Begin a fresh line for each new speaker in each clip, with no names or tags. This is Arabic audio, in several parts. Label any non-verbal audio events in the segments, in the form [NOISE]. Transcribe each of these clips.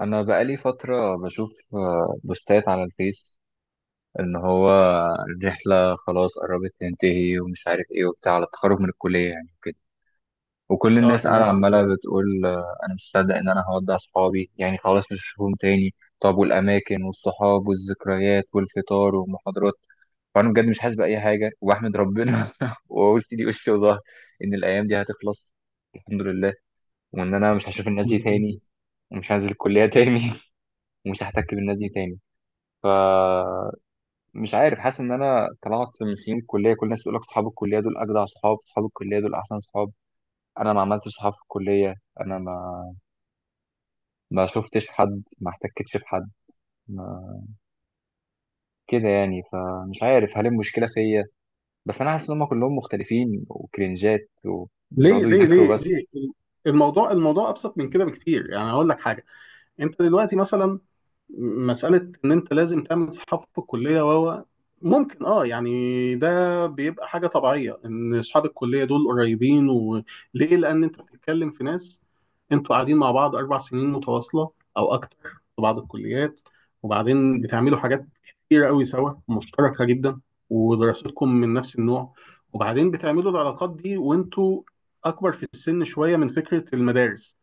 انا بقالي فتره بشوف بوستات على الفيس ان هو الرحله خلاص قربت تنتهي ومش عارف ايه وبتاع على التخرج من الكليه يعني كده. وكل
اه
الناس قاعده
تمام.
عماله بتقول انا مش مصدق ان انا هودع صحابي يعني خلاص مش هشوفهم تاني. طب والاماكن والصحاب والذكريات والفطار والمحاضرات؟ فانا بجد مش حاسس باي حاجه وبحمد ربنا [LAUGHS] وقلت لي وشي وظهري ان الايام دي هتخلص. الحمد لله. وان انا مش هشوف الناس دي تاني ومش هنزل الكليه تاني [LAUGHS] ومش هحتك بالناس دي تاني. فمش عارف، حاسس ان انا طلعت من سنين الكليه. كل الناس بتقول لك اصحاب الكليه دول اجدع صحاب، اصحاب الكليه دول احسن صحاب. انا ما عملتش صحاب في الكليه. انا ما ما شفتش حد ما احتكتش بحد ما كده يعني. فمش عارف هل المشكله فيا، بس انا حاسس ان هم كلهم مختلفين وكرنجات
ليه
وبيقعدوا
ليه ليه
يذاكروا بس.
ليه؟ الموضوع ابسط من كده بكتير، يعني هقول لك حاجه. انت دلوقتي مثلا مسألة إن أنت لازم تعمل صحاب في الكلية وهو ممكن اه يعني ده بيبقى حاجة طبيعية، إن أصحاب الكلية دول قريبين، وليه؟ لأن أنت بتتكلم في ناس، أنتوا قاعدين مع بعض أربع سنين متواصلة أو أكتر في بعض الكليات، وبعدين بتعملوا حاجات كتيرة أوي سوا مشتركة جدا، ودراستكم من نفس النوع، وبعدين بتعملوا العلاقات دي وأنتوا أكبر في السن شوية من فكرة المدارس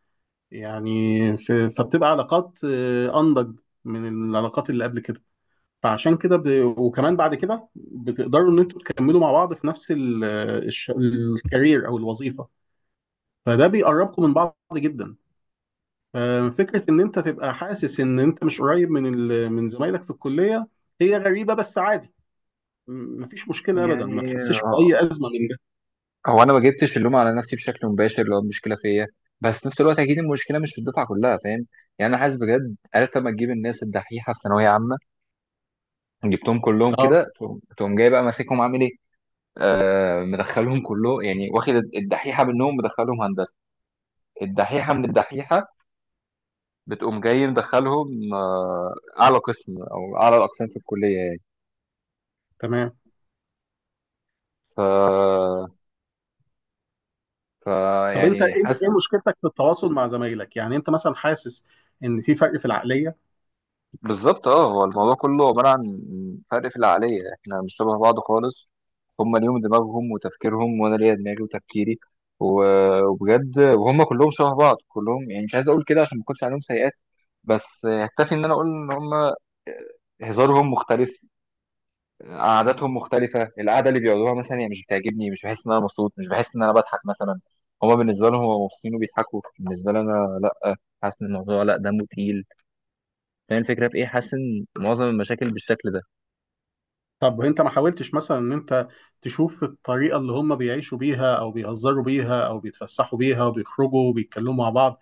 يعني. فبتبقى علاقات انضج من العلاقات اللي قبل كده. فعشان كده وكمان بعد كده بتقدروا ان انتوا تكملوا مع بعض في نفس الكارير او الوظيفه، فده بيقربكم من بعض جدا. ففكره ان انت تبقى حاسس ان انت مش قريب من زمايلك في الكليه، هي غريبه بس عادي. مفيش مشكله ابدا، ما
يعني
تحسش
آه،
باي ازمه من ده.
هو انا ما جبتش اللوم على نفسي بشكل مباشر لو المشكله فيا، بس في نفس الوقت اكيد المشكله مش في الدفعه كلها، فاهم؟ يعني انا حاسس بجد. عرفت لما تجيب الناس الدحيحه في ثانويه عامه جبتهم كلهم
اه
كده؟ تقوم جاي بقى ماسكهم عامل ايه؟ مدخلهم كله يعني، واخد الدحيحه منهم مدخلهم هندسه، الدحيحه من الدحيحه بتقوم جاي مدخلهم اعلى قسم او اعلى الاقسام في الكليه يعني.
تمام.
ف ف
طب انت ايه
يعني
ايه
حاسس،
مشكلتك في التواصل مع زمايلك؟ يعني انت مثلا حاسس ان في فرق في العقليه؟
بالظبط اه هو الموضوع كله عباره عن فرق في العقليه. احنا مش شبه بعض خالص. هم ليهم دماغهم وتفكيرهم وانا ليا دماغي وتفكيري و- وبجد، وهم كلهم شبه بعض كلهم. يعني مش عايز اقول كده عشان ما اكونش عليهم سيئات، بس يكتفي ان انا اقول ان هم هزارهم مختلف، قعداتهم مختلفه. القعده اللي بيقعدوها مثلا هي مش بتعجبني، مش بحس ان انا مبسوط، مش بحس ان انا بضحك مثلا. هما بالنسبه لهم هما مبسوطين وبيضحكوا، بالنسبه لي انا لا. حاسس ان الموضوع لا دمه تقيل. فاهم الفكره في ايه؟ حاسس ان معظم المشاكل بالشكل ده.
طب انت ما حاولتش مثلا ان انت تشوف الطريقه اللي هم بيعيشوا بيها او بيهزروا بيها او بيتفسحوا بيها وبيخرجوا وبيتكلموا مع بعض؟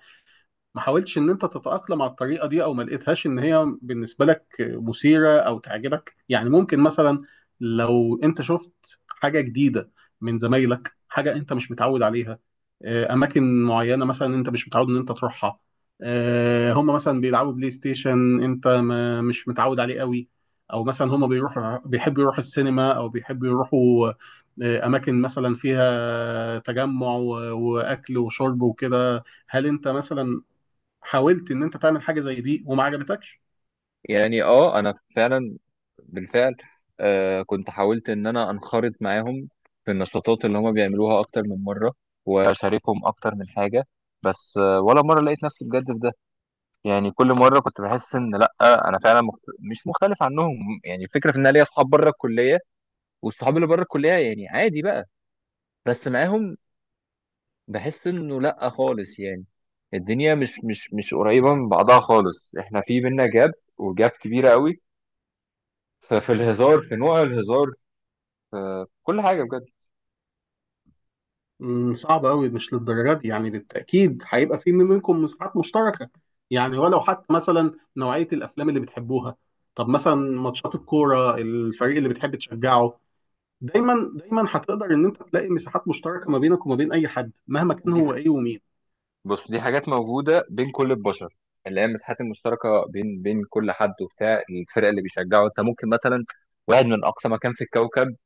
ما حاولتش ان انت تتأقلم على الطريقة دي او ما لقيتهاش ان هي بالنسبة لك مثيرة او تعجبك؟ يعني ممكن مثلا لو انت شفت حاجة جديدة من زمايلك، حاجة انت مش متعود عليها، اماكن معينة مثلا انت مش متعود ان انت تروحها، هم مثلا بيلعبوا بلاي ستيشن انت ما مش متعود عليه قوي، او مثلا هم بيروحوا بيحبوا يروحوا السينما او بيحبوا يروحوا اماكن مثلا فيها تجمع واكل وشرب وكده، هل انت مثلا حاولت ان انت تعمل حاجه زي دي وما عجبتكش؟
يعني اه انا فعلا بالفعل كنت حاولت ان انا انخرط معاهم في النشاطات اللي هما بيعملوها اكتر من مره واشاركهم اكتر من حاجه. بس ولا مره لقيت نفسي بجد في، يعني كل مره كنت بحس ان لا انا فعلا مش مختلف عنهم. يعني الفكره في ان انا ليا اصحاب بره الكليه، والصحاب اللي بره الكليه يعني عادي بقى. بس معاهم بحس انه لا خالص يعني. الدنيا مش قريبه من بعضها خالص، احنا في بينا جاب، وجاب كبيره قوي. ففي الهزار في نوع الهزار في كل حاجه بجد.
صعب قوي، مش للدرجه دي يعني، بالتاكيد هيبقى في منكم مساحات مشتركه، يعني ولو حتى مثلا نوعيه الافلام اللي بتحبوها. طب مثلا ماتشات الكوره، الفريق اللي بتحب تشجعه، دايما دايما هتقدر ان انت تلاقي مساحات مشتركه ما بينك وما بين اي حد مهما كان
دي
هو ايه ومين.
بص، دي حاجات موجوده بين كل البشر، اللي هي المساحات المشتركه بين كل حد وبتاع. الفرق اللي بيشجعه، انت ممكن مثلا واحد من اقصى مكان في الكوكب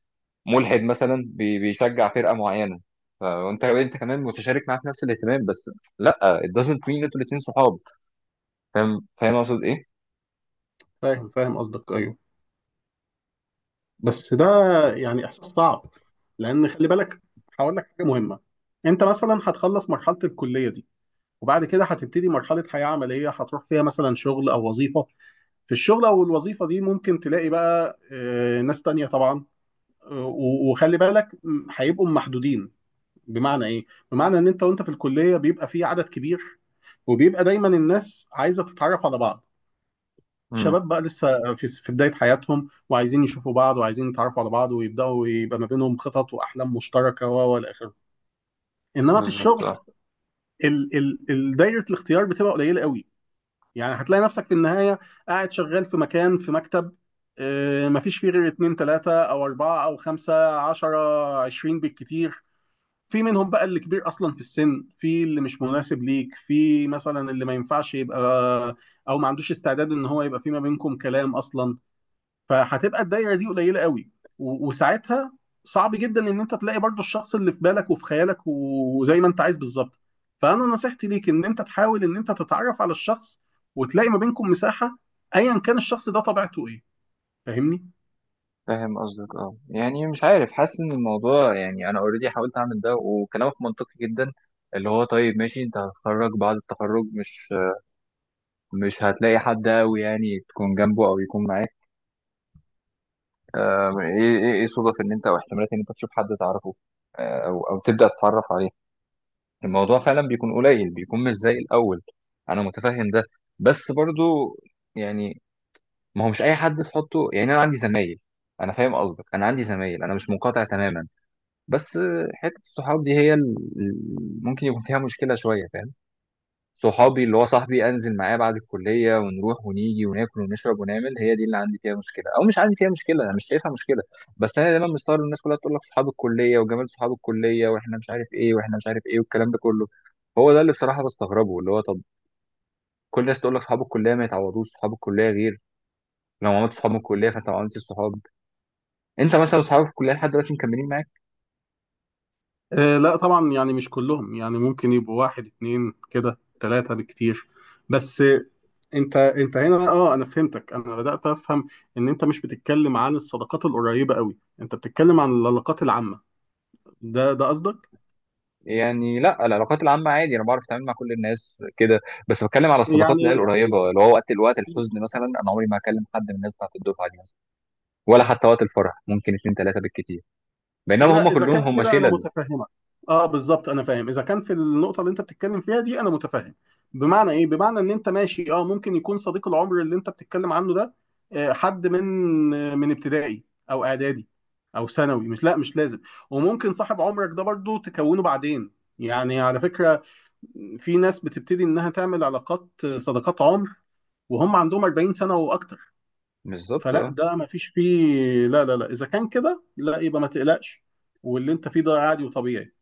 ملحد مثلا بيشجع فرقه معينه، فانت كمان متشارك معاه في نفس الاهتمام. بس لا it doesn't mean انتوا الاثنين صحاب. فاهم اقصد ايه؟
فاهم، فاهم قصدك، ايوه. بس ده يعني احساس صعب، لان خلي بالك، هقول لك حاجه مهمه. انت مثلا هتخلص مرحله الكليه دي، وبعد كده هتبتدي مرحلة حياة عملية هتروح فيها مثلا شغل أو وظيفة. في الشغل أو الوظيفة دي ممكن تلاقي بقى ناس تانية طبعا، وخلي بالك هيبقوا محدودين. بمعنى إيه؟ بمعنى إن أنت وأنت في الكلية بيبقى في عدد كبير، وبيبقى دايما الناس عايزة تتعرف على بعض،
امم.
شباب بقى لسه في بداية حياتهم، وعايزين يشوفوا بعض وعايزين يتعرفوا على بعض، ويبدأوا يبقى ما بينهم خطط وأحلام مشتركة وإلى آخره. إنما في
بالظبط
الشغل
اه.
دايرة الاختيار بتبقى قليلة قوي. يعني هتلاقي نفسك في النهاية قاعد شغال في مكان، في مكتب، مفيش فيه غير اتنين تلاتة أو أربعة أو خمسة، عشرة عشرين بالكتير، في منهم بقى اللي كبير أصلا في السن، في اللي مش مناسب ليك، في مثلا اللي ما ينفعش يبقى أو ما عندوش استعداد إن هو يبقى في ما بينكم كلام أصلا. فهتبقى الدايره دي قليله قوي، وساعتها صعب جدا ان انت تلاقي برضو الشخص اللي في بالك وفي خيالك وزي ما انت عايز بالظبط. فانا نصيحتي ليك ان انت تحاول ان انت تتعرف على الشخص وتلاقي ما بينكم مساحه ايا كان الشخص ده طبيعته ايه. فاهمني؟
فاهم قصدك اه. يعني مش عارف، حاسس ان الموضوع يعني انا اوريدي حاولت اعمل ده وكلامك منطقي جدا. اللي هو طيب ماشي، انت هتتخرج، بعد التخرج مش هتلاقي حد قوي يعني تكون جنبه او يكون معاك. ايه ايه ايه صدف ان انت او احتمالات ان انت تشوف حد تعرفه او تبدا تتعرف عليه. الموضوع فعلا بيكون قليل، بيكون مش زي الاول. انا متفهم ده. بس برضو يعني ما هو مش اي حد تحطه. يعني انا عندي زمايل، انا فاهم قصدك، انا عندي زمايل، انا مش منقطع تماما. بس حته الصحاب دي هي ممكن يكون فيها مشكله شويه، فاهم؟ صحابي اللي هو صاحبي انزل معاه بعد الكليه ونروح ونيجي وناكل ونشرب ونعمل، هي دي اللي عندي فيها مشكله، او مش عندي فيها مشكله، انا مش شايفها مشكله. بس انا دايما مستغرب إن الناس كلها تقول لك صحاب الكليه وجمال صحاب الكليه واحنا مش عارف ايه واحنا مش عارف ايه والكلام ده كله. هو ده اللي بصراحه بستغربه، اللي هو طب كل الناس تقول لك صحاب الكليه ما يتعوضوش، صحاب الكليه غير لو عملت صحاب من الكليه فانت ما عملتش صحاب. انت مثلا صحابك في الكليه لحد دلوقتي مكملين معاك؟
آه لا طبعا، يعني مش كلهم، يعني ممكن يبقوا واحد اتنين كده، ثلاثه بالكتير. بس انت هنا اه انا فهمتك، انا بدات افهم ان انت مش بتتكلم عن الصداقات القريبه قوي، انت بتتكلم عن العلاقات العامه، ده قصدك.
يعني لا، العلاقات العامة عادي، انا بعرف اتعامل مع كل الناس كده. بس بتكلم على الصداقات اللي هي
يعني
القريبة، اللي هو وقت الوقت الحزن مثلا انا عمري ما هكلم حد من الناس بتاعت الدفعة دي مثلا. ولا حتى وقت الفرح ممكن اتنين تلاتة بالكتير، بينما هم
لا، اذا
كلهم
كان
هم
كده انا
شلل.
متفهمك. اه بالظبط انا فاهم، اذا كان في النقطه اللي انت بتتكلم فيها دي انا متفهم. بمعنى ايه؟ بمعنى ان انت ماشي، اه ممكن يكون صديق العمر اللي انت بتتكلم عنه ده حد من ابتدائي او اعدادي او ثانوي، مش، لا مش لازم. وممكن صاحب عمرك ده برضو تكونه بعدين، يعني على فكره في ناس بتبتدي انها تعمل علاقات صداقات عمر وهم عندهم 40 سنه واكتر.
بالظبط
فلا
اه
ده ما فيش فيه، لا لا لا اذا كان كده لا، يبقى ما تقلقش، واللي انت فيه ده عادي وطبيعي.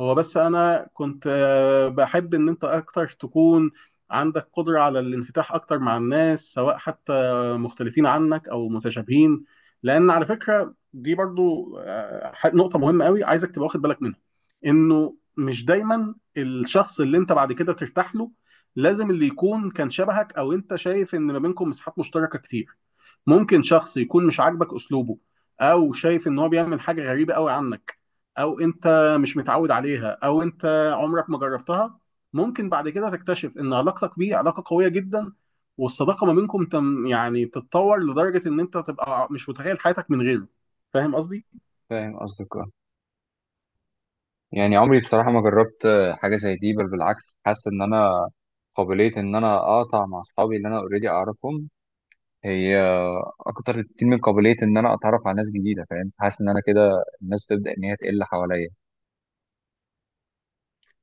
هو بس انا كنت بحب ان انت اكتر تكون عندك قدرة على الانفتاح اكتر مع الناس، سواء حتى مختلفين عنك او متشابهين. لان على فكرة دي برضو نقطة مهمة قوي عايزك تبقى واخد بالك منها، انه مش دايما الشخص اللي انت بعد كده ترتاح له لازم اللي يكون كان شبهك او انت شايف ان ما بينكم مساحات مشتركة كتير. ممكن شخص يكون مش عاجبك اسلوبه، او شايف ان هو بيعمل حاجه غريبه قوي عنك او انت مش متعود عليها او انت عمرك ما جربتها، ممكن بعد كده تكتشف ان علاقتك بيه علاقه قويه جدا، والصداقه ما بينكم تم يعني تتطور لدرجه ان انت تبقى مش متخيل حياتك من غيره. فاهم قصدي؟
فاهم قصدك اه. يعني عمري بصراحة ما جربت حاجة زي دي، بل بالعكس حاسس ان انا قابلية ان انا اقطع مع اصحابي اللي انا اوريدي اعرفهم هي اكتر كتير من قابلية ان انا اتعرف على ناس جديدة، فاهم؟ حاسس ان انا كده الناس تبدأ ان هي تقل حواليا.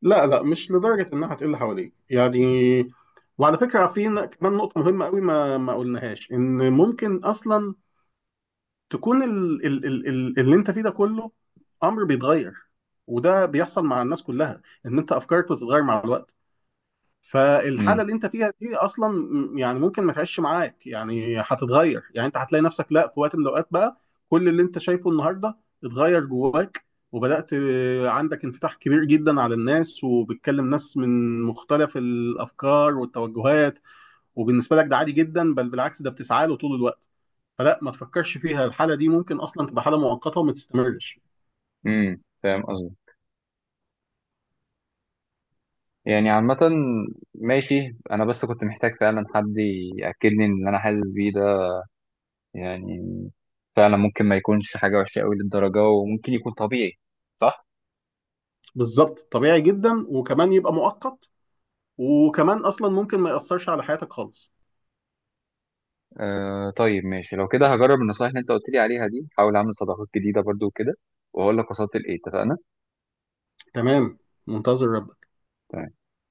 لا لا، مش لدرجه انها هتقل حواليك يعني. وعلى فكره في كمان نقطه مهمه قوي ما قلناهاش، ان ممكن اصلا تكون ال ال ال ال اللي انت فيه ده كله امر بيتغير، وده بيحصل مع الناس كلها، ان انت افكارك بتتغير مع الوقت. فالحاله اللي
امم.
انت فيها دي اصلا يعني ممكن ما تعيش معاك، يعني هتتغير، يعني انت هتلاقي نفسك لا في وقت من الاوقات بقى كل اللي انت شايفه النهارده اتغير جواك، وبدات عندك انفتاح كبير جدا على الناس، وبتكلم ناس من مختلف الافكار والتوجهات، وبالنسبه لك ده عادي جدا، بل بالعكس ده بتسعى له طول الوقت. فلا ما تفكرش فيها، الحاله دي ممكن اصلا تبقى حاله مؤقته وما تستمرش.
فاهم قصدي. يعني عامة ماشي، أنا بس كنت محتاج فعلا حد يأكدني إن اللي أنا حاسس بيه ده يعني فعلا ممكن ما يكونش حاجة وحشة قوي للدرجة، وممكن يكون طبيعي. صح؟
بالظبط طبيعي جدا، وكمان يبقى مؤقت، وكمان اصلا ممكن ما ياثرش على حياتك خالص.
آه طيب ماشي، لو كده هجرب النصايح اللي أنت قلت لي عليها دي، هحاول أعمل صداقات جديدة برضو وكده، وهقول لك وصلت لإيه. اتفقنا؟
تمام، منتظر رد